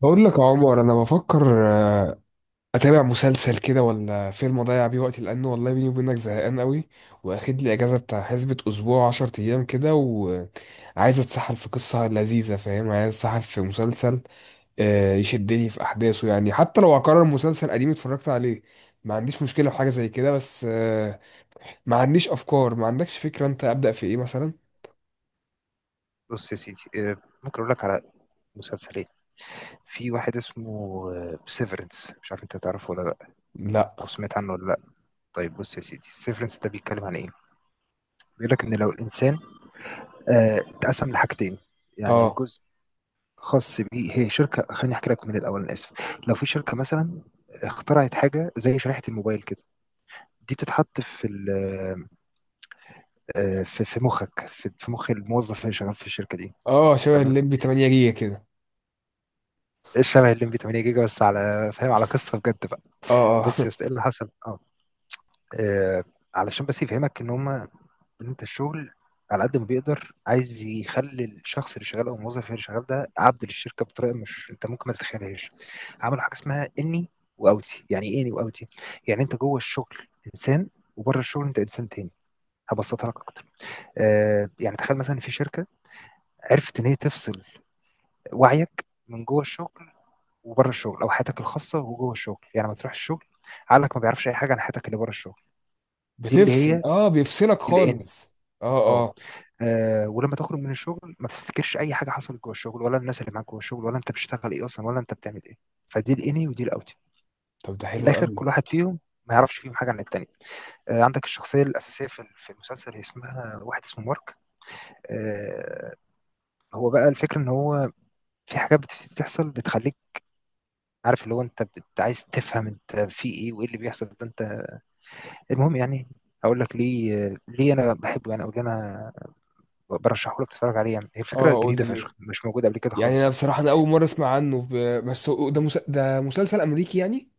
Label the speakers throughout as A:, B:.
A: بقول لك يا عمر، انا بفكر اتابع مسلسل كده ولا فيلم اضيع بيه وقتي، لانه والله بيني وبينك زهقان قوي. واخد لي اجازه بتاع حسبه اسبوع، 10 ايام كده، وعايز اتسحل في قصه لذيذه، فاهم؟ عايز اتسحل في مسلسل يشدني في احداثه، يعني حتى لو هكرر مسلسل قديم اتفرجت عليه ما عنديش مشكله في حاجه زي كده. بس ما عنديش افكار، ما عندكش فكره انت ابدا في ايه مثلا؟
B: بص يا سيدي، ممكن اقول لك على مسلسلين. في واحد اسمه سيفرنس، مش عارف انت تعرفه ولا لا،
A: لا.
B: او سمعت عنه ولا لا. طيب بص يا سيدي، سيفرنس ده بيتكلم عن ايه؟ بيقول لك ان لو الانسان اتقسم لحاجتين، يعني
A: اه
B: جزء خاص بيه، هي شركه. خليني احكي لك من الاول، انا اسف. لو في شركه مثلا اخترعت حاجه زي شريحه الموبايل كده، دي بتتحط في مخك، في مخ الموظف اللي شغال في الشركه دي.
A: اه شبه
B: تمام،
A: الليمبي 8 جيجا كده.
B: الشبه اللي 8 جيجا، بس على فاهم، على قصه بجد بقى.
A: اه
B: بص يا
A: اه
B: اسطى، ايه اللي حصل؟ اه آه، علشان بس يفهمك ان انت الشغل على قد ما بيقدر عايز يخلي الشخص اللي شغال او الموظف اللي شغال ده عبد للشركه بطريقه، مش انت ممكن ما تتخيلهاش. عملوا حاجه اسمها اني واوتي. يعني ايه اني واوتي؟ يعني انت جوه الشغل انسان، وبره الشغل انت انسان تاني. هبسطها لك اكتر. يعني تخيل مثلا في شركه عرفت ان هي تفصل وعيك من جوه الشغل وبره الشغل، او حياتك الخاصه وجوه الشغل. يعني ما تروح الشغل عقلك ما بيعرفش اي حاجه عن حياتك اللي بره الشغل. دي اللي
A: بتفصل،
B: هي
A: اه، بيفصلك
B: الانمي.
A: خالص. اه
B: اه،
A: اه
B: ولما تخرج من الشغل ما تفتكرش اي حاجه حصلت جوه الشغل، ولا الناس اللي معاك جوه الشغل، ولا انت بتشتغل ايه اصلا، ولا انت بتعمل ايه. فدي الاني ودي الاوتي.
A: طب ده حلو
B: بالاخر
A: قوي.
B: كل واحد فيهم ما يعرفش فيهم حاجه عن التاني. عندك الشخصيه الاساسيه في المسلسل، هي اسمها واحد اسمه مارك. آه، هو بقى الفكره ان هو في حاجات بتحصل بتخليك عارف اللي هو انت عايز تفهم انت في ايه وايه اللي بيحصل ده انت. المهم يعني، هقول لك ليه انا بحبه يعني، او ليه انا برشحه لك تتفرج عليه. يعني هي فكره
A: اه، قول
B: جديده
A: لي
B: فشخ،
A: ليه.
B: مش موجوده قبل كده
A: يعني
B: خالص
A: انا
B: يعني.
A: بصراحه، انا اول مره اسمع عنه بس ده
B: مم.
A: ده مسلسل امريكي يعني.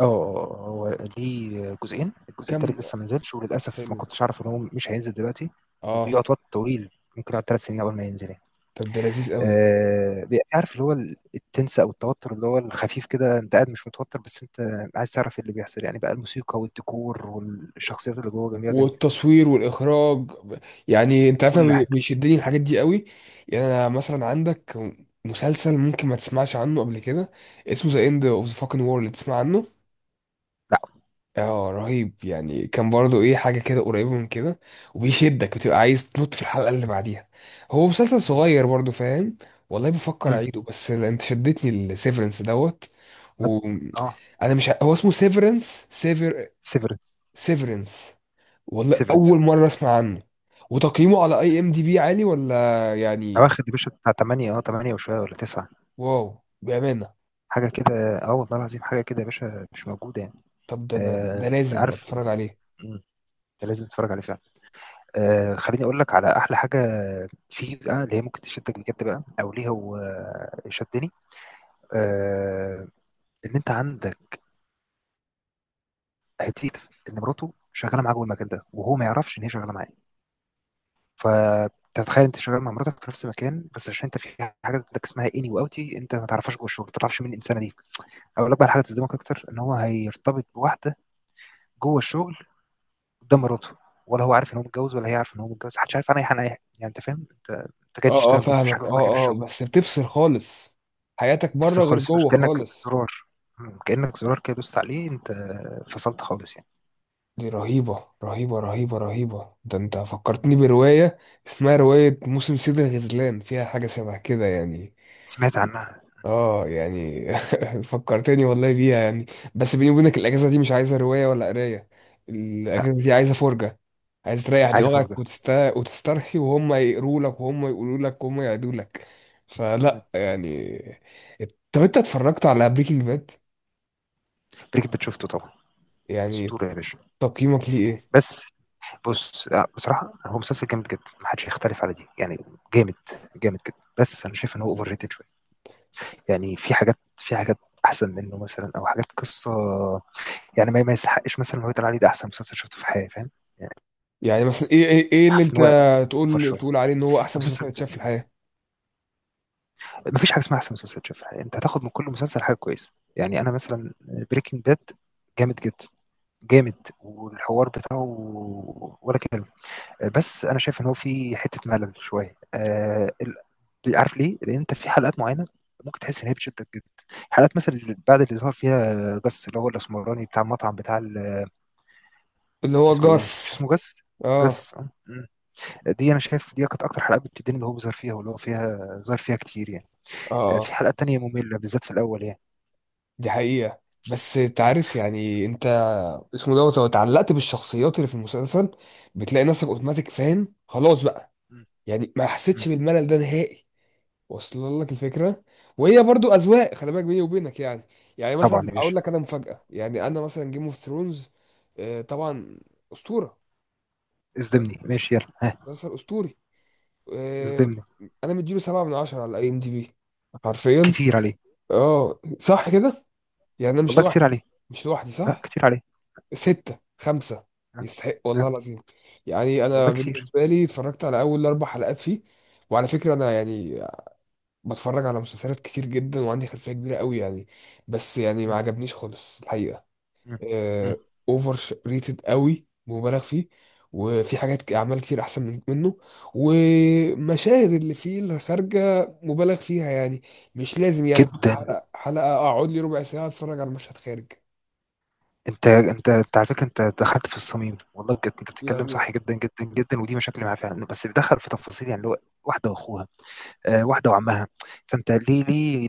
B: هو ليه جزئين، الجزء
A: كم.
B: التالت لسه ما نزلش، وللاسف ما
A: حلو.
B: كنتش اعرف ان هو مش هينزل دلوقتي،
A: اه.
B: وبيقعد وقت طويل. ممكن يقعد ثلاث سنين قبل ما ينزل يعني.
A: طب ده لذيذ قوي.
B: آه، عارف اللي هو التنس او التوتر، اللي هو الخفيف كده، انت قاعد مش متوتر، بس انت عايز تعرف إيه اللي بيحصل يعني. بقى الموسيقى والديكور والشخصيات اللي جوه جميله جدا،
A: والتصوير والاخراج ب- يعني انت عارف أنا
B: كل حاجه.
A: بيشدني الحاجات دي قوي. يعني انا مثلا عندك مسلسل ممكن ما تسمعش عنه قبل كده، اسمه ذا اند اوف ذا فاكن وورلد، تسمع عنه؟
B: لا.
A: اه، رهيب يعني، كان برضو ايه، حاجة كده قريبة من كده، وبيشدك، بتبقى عايز تنط في الحلقة اللي بعديها. هو مسلسل
B: مم.
A: صغير برضو، فاهم؟ والله بفكر
B: امم.
A: اعيده، بس انت شدتني السيفرنس دوت.
B: ما- اه،
A: وانا مش هو اسمه سيفرنس؟ سيفر؟
B: سيفرنس.
A: سيفرنس. والله
B: سيفرنس،
A: اول مرة اسمع عنه. وتقييمه على اي ام دي بي عالي ولا يعني؟
B: واخد يا باشا بتاع 8، اه، 8 وشويه ولا 9،
A: واو، بأمانة.
B: حاجه كده. اه والله العظيم، حاجه كده يا باشا، مش موجوده يعني.
A: طب ده انا ده
B: آه
A: لازم
B: عارف
A: اتفرج
B: إنه-
A: عليه.
B: مم، انت لازم تتفرج عليه فعلا. آه، خليني اقول لك على احلى حاجه فيه بقى، اللي هي ممكن تشدك بجد بقى، او ليه هو شدني. آه، ان انت عندك هتيت ان مراته شغاله معاه جوه المكان ده، وهو ما يعرفش ان هي شغاله معاه. فتتخيل انت شغال مع مراتك في نفس المكان، بس عشان انت في حاجه عندك اسمها اني واوتي، انت ما تعرفهاش جوه الشغل، ما تعرفش مين الانسانه دي. اقول لك بقى حاجه تصدمك اكتر، ان هو هيرتبط بواحده جوه الشغل قدام مراته، ولا هو عارف ان هو متجوز، ولا هي عارفه ان هو متجوز، محدش عارف انا ايه انا ايه. يعني انت فاهم، انت جاي
A: اه
B: تشتغل بس مفيش حاجه
A: فاهمك،
B: في دماغك غير
A: اه
B: الشغل.
A: بس بتفصل خالص، حياتك
B: تفصل
A: بره غير
B: خالص، مش
A: جوه
B: كانك
A: خالص.
B: زرار. مم. كانك زرار كده دوست عليه انت، فصلت خالص يعني.
A: دي رهيبة، رهيبة، رهيبة، رهيبة. ده انت
B: مم.
A: فكرتني برواية اسمها رواية موسم صيد الغزلان، فيها حاجة شبه كده يعني.
B: سمعت عنها.
A: اه يعني فكرتني والله بيها يعني. بس بيني وبينك الأجازة دي مش عايزة رواية ولا قراية،
B: لا،
A: الأجازة دي عايزة فرجة. عايز تريح
B: عايز
A: دماغك
B: افرجها.
A: وتسترخي، وهم يقروا لك، وهم يقولوا لك، وهم يعدوا لك.
B: مم.
A: فلا
B: مم.
A: يعني. طب انت اتفرجت على بريكنج باد؟
B: بريك بيت شفته طبعا.
A: يعني
B: اسطوره يا باشا.
A: تقييمك ليه ايه؟
B: بس بص، لا، بصراحه هو مسلسل جامد جدا، محدش يختلف على دي يعني. جامد، جامد جدا، بس انا شايف ان هو اوفر ريتد شويه. يعني في حاجات، في حاجات احسن منه مثلا، او حاجات قصه. يعني ما يستحقش مثلا إن هو يتقال عليه ده احسن مسلسل شفته في حياتي فاهم. يعني
A: يعني مثلا ايه، إيه اللي
B: حاسس
A: انت
B: ان هو اوفر
A: تقول
B: شويه
A: تقول عليه ان هو احسن مسلسل
B: المسلسل.
A: اتشاف في الحياة؟
B: ما فيش حاجه اسمها احسن مسلسل شفتها، انت هتاخد من كل مسلسل حاجه كويسه. يعني انا مثلا بريكنج باد جامد جدا، جامد، والحوار بتاعه ولا كلمه. بس انا شايف ان هو في حته ملل شويه. آه عارف ليه؟ لان انت في حلقات معينه ممكن تحس ان هي بتشدك جدا، حلقات مثلا اللي بعد اللي ظهر فيها جس، اللي هو الاسمراني بتاع المطعم بتاع
A: اللي هو
B: اسمه ايه، مش
A: جاس.
B: اسمه جس؟
A: اه.
B: جس آه. دي انا شايف دي كانت اكتر حلقه بتديني، اللي هو بيظهر فيها واللي هو فيها ظهر فيها كتير يعني.
A: اه.
B: في
A: آه.
B: حلقات تانية ممله، بالذات في الاول يعني.
A: دي حقيقة، بس
B: مم.
A: تعرف يعني انت، اسمه دوت، لو اتعلقت بالشخصيات اللي في المسلسل بتلاقي نفسك اوتوماتيك فاهم خلاص بقى.
B: مم.
A: يعني ما
B: مم.
A: حسيتش بالملل ده نهائي. واصل لك الفكرة.
B: مم.
A: وهي برضو اذواق، خلي بالك، بيني وبينك يعني. يعني
B: طبعا
A: مثلا
B: يا
A: اقول
B: باشا.
A: لك انا مفاجأة، يعني انا مثلا جيم اوف ثرونز. طبعا. اسطورة.
B: اصدمني، ماشي يلا ها.
A: مسلسل اسطوري. آه،
B: اصدمني.
A: انا مديله سبعة من عشرة على اي ام دي بي، حرفيا.
B: كتير عليه.
A: اه، صح كده. يعني انا مش
B: والله كتير
A: لوحدي،
B: عليه.
A: مش لوحدي
B: لا
A: صح.
B: كتير عليه.
A: ستة خمسة
B: ها.
A: يستحق والله
B: ها.
A: العظيم. يعني انا
B: والله كتير.
A: بالنسبة لي اتفرجت على اول اربع حلقات فيه، وعلى فكرة انا يعني بتفرج على مسلسلات كتير جدا وعندي خلفية كبيرة قوي يعني. بس يعني
B: مم.
A: ما عجبنيش خالص الحقيقة.
B: مم. مم.
A: اوفر ريتد قوي، مبالغ فيه. وفي حاجات اعمال كتير احسن منه. ومشاهد اللي فيه الخارجه مبالغ فيها يعني، مش لازم يعني كل
B: جدا.
A: حلقه حلقه اقعد لي ربع ساعه اتفرج على مشهد خارج
B: انت على فكره، انت دخلت في الصميم، والله بجد انت بتتكلم
A: يعني.
B: صح جدا جدا جدا، ودي مشاكل معاه فعلا. بس بيدخل في تفاصيل يعني، اللي هو واحده واخوها، واحده وعمها. فانت ليه ليه؟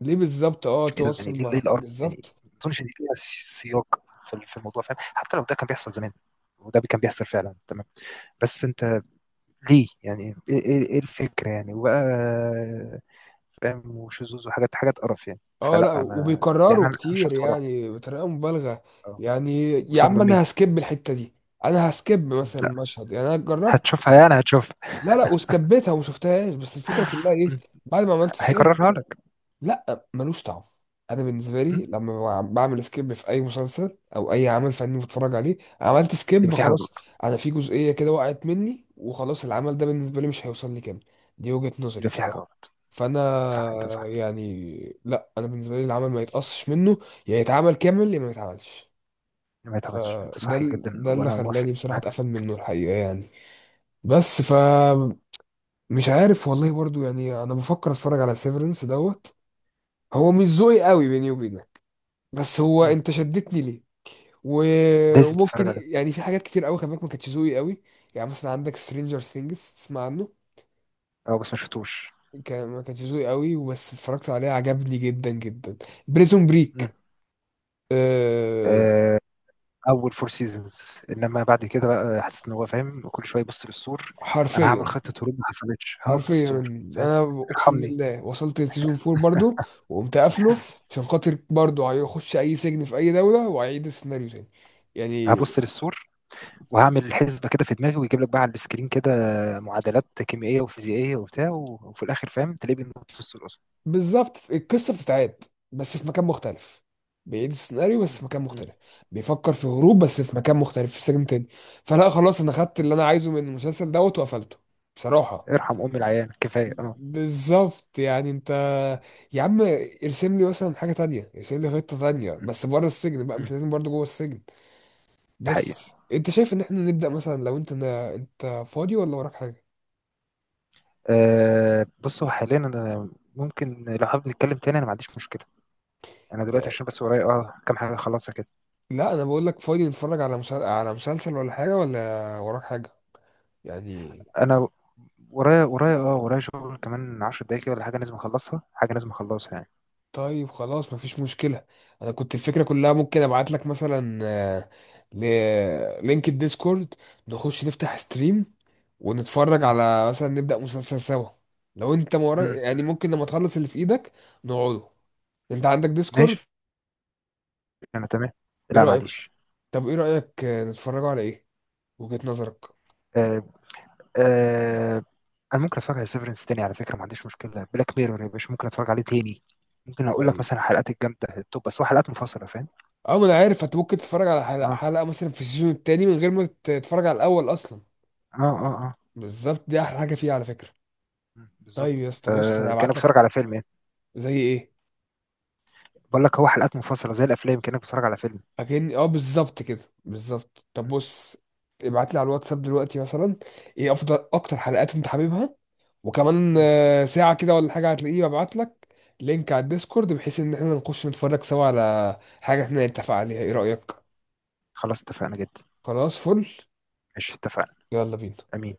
A: ليه بالظبط؟ اه،
B: ايه ده يعني؟
A: تواصل
B: ليه
A: مع
B: الارض يعني
A: بالظبط.
B: ما اظنش ان ليها سياق في الموضوع فاهم. حتى لو ده كان بيحصل زمان، وده كان بيحصل فعلا تمام، بس انت ليه يعني؟ ايه إيه الفكره يعني؟ وبقى فاهم، وشذوذ، وحاجات حاجات قرف يعني.
A: اه،
B: فلا
A: لا
B: ما يعني،
A: وبيكرروا
B: انا
A: كتير
B: شفت مره واحده،
A: يعني بطريقه مبالغه.
B: اه.
A: يعني يا عم
B: مصممين.
A: انا هسكيب الحته دي، انا هسكيب مثلا
B: لا
A: المشهد. يعني انا جربت،
B: هتشوفها يعني، هتشوفها.
A: لا وسكبتها وما شفتهاش، بس الفكره كلها ايه
B: مم.
A: بعد ما عملت سكيب؟
B: هيكررها لك.
A: لا ملوش طعم. انا بالنسبه لي
B: مم.
A: لما بعمل سكيب في اي مسلسل او اي عمل فني بتفرج عليه، عملت
B: يبقى
A: سكيب
B: في حاجه
A: خلاص.
B: غلط.
A: انا في جزئيه كده وقعت مني وخلاص، العمل ده بالنسبه لي مش هيوصل لي كامل. دي وجهه نظري
B: يبقى في حاجه
A: بصراحه.
B: غلط.
A: فانا
B: صح، انت صح.
A: يعني لا، انا بالنسبه لي العمل ما يتقصش منه، يا يتعمل كامل يا ما يتعملش.
B: ما يتعملش، انت صح جدا
A: ده اللي
B: وانا موافق
A: خلاني بصراحه
B: معاك.
A: اتقفل منه الحقيقه يعني. بس ف مش عارف والله برضو، يعني انا بفكر اتفرج على سيفرنس دوت. هو مش ذوقي قوي بيني وبينك، بس هو
B: مم.
A: انت شدتني ليه.
B: لازم تتفرج
A: وممكن
B: عليه.
A: يعني في حاجات كتير قوي خلي بالك ما كانتش ذوقي قوي. يعني مثلا عندك سترينجر ثينجز، تسمع عنه؟
B: اه بس ما شفتوش.
A: كان ما كانش ذوقي قوي بس اتفرجت عليه عجبني جدا جدا. بريزون بريك. أه.
B: مم. اول فور سيزونز، انما بعد كده بقى حسيت ان هو فاهم كل شويه يبص للسور. انا هعمل
A: حرفيا.
B: خطه هروب ما حصلتش، هنط
A: حرفيا،
B: السور فاهم.
A: انا اقسم
B: ارحمني.
A: بالله وصلت لسيزون فور برضو وقمت قافله، عشان خاطر برضو هيخش اي سجن في اي دوله وهيعيد السيناريو تاني يعني.
B: هبص للسور، وهعمل حسبه كده في دماغي، ويجيب لك بقى على السكرين كده معادلات كيميائيه وفيزيائيه وبتاع، وفي الاخر فاهم تلاقيه بينط السور اصلا.
A: بالظبط، القصه بتتعاد بس في مكان مختلف، بيعيد السيناريو بس في
B: مم.
A: مكان
B: مم.
A: مختلف، بيفكر في هروب بس في
B: بالظبط.
A: مكان مختلف في سجن تاني. فلا خلاص، انا خدت اللي انا عايزه من المسلسل دوت وقفلته بصراحه.
B: ارحم ام العيان كفايه، اه.
A: بالظبط. يعني انت، يا عم، ارسم لي مثلا حاجه تانية، ارسم لي خطه تانية
B: مم.
A: بس بره السجن بقى، مش
B: مم.
A: لازم برضه جوه السجن.
B: دي حقيقه.
A: بس انت شايف ان احنا نبدا مثلا، لو انت فاضي ولا وراك حاجه
B: أه بص، هو حاليا انا ممكن لو حابب نتكلم تاني انا ما عنديش مشكله. انا دلوقتي
A: يعني.
B: عشان بس ورايا اه كام حاجه اخلصها كده.
A: لا انا بقول لك فاضي نتفرج على على مسلسل ولا حاجه، ولا وراك حاجه يعني؟
B: انا ورايا اه، ورايا شغل كمان 10 دقايق كده ولا حاجه، لازم اخلصها، حاجه لازم اخلصها يعني.
A: طيب خلاص مفيش مشكلة. انا كنت الفكرة كلها ممكن ابعت لك مثلا لينك الديسكورد، نخش نفتح ستريم ونتفرج
B: امم.
A: على مثلا، نبدأ مسلسل سوا، لو انت مورا
B: امم.
A: يعني ممكن لما تخلص اللي في ايدك نقعده. انت عندك ديسكورد؟
B: ماشي. انا تمام.
A: ايه
B: لا ما
A: رأيك؟
B: عنديش.
A: طب ايه رأيك نتفرجوا على ايه؟ وجهة نظرك؟
B: آه. آه. انا ممكن اتفرج على سيفرنس تاني على فكره، ما عنديش مشكله. بلاك ميرور يا باشا ممكن اتفرج عليه تاني. ممكن اقول لك
A: طيب
B: مثلا حلقات الجامده التوب، بس هو حلقات منفصله فاهم.
A: اه، ما انا عارف انت ممكن تتفرج على حلقة،
B: اه
A: حلقة مثلا في السيزون التاني من غير ما تتفرج على الاول اصلا.
B: اه اه اه.
A: بالظبط، دي احلى حاجة فيها على فكرة.
B: مم،
A: طيب
B: بالظبط.
A: يا اسطى بص، انا
B: فكانك
A: هبعت
B: بتتفرج
A: لك.
B: على فيلم يعني.
A: زي ايه؟
B: بقول لك هو حلقات منفصله زي الافلام، كانك بتتفرج على فيلم.
A: اكن اه بالظبط كده بالظبط. طب
B: مم.
A: بص، ابعت لي على الواتساب دلوقتي مثلا ايه افضل اكتر حلقات انت حاببها، وكمان
B: مم.
A: ساعة كده ولا حاجة هتلاقيه ببعت لك لينك على الديسكورد، بحيث ان احنا نخش نتفرج سوا على حاجة احنا نتفق عليها. ايه رأيك؟
B: خلاص، اتفقنا جدا.
A: خلاص فل.
B: ماشي، اتفقنا.
A: يلا بينا.
B: امين.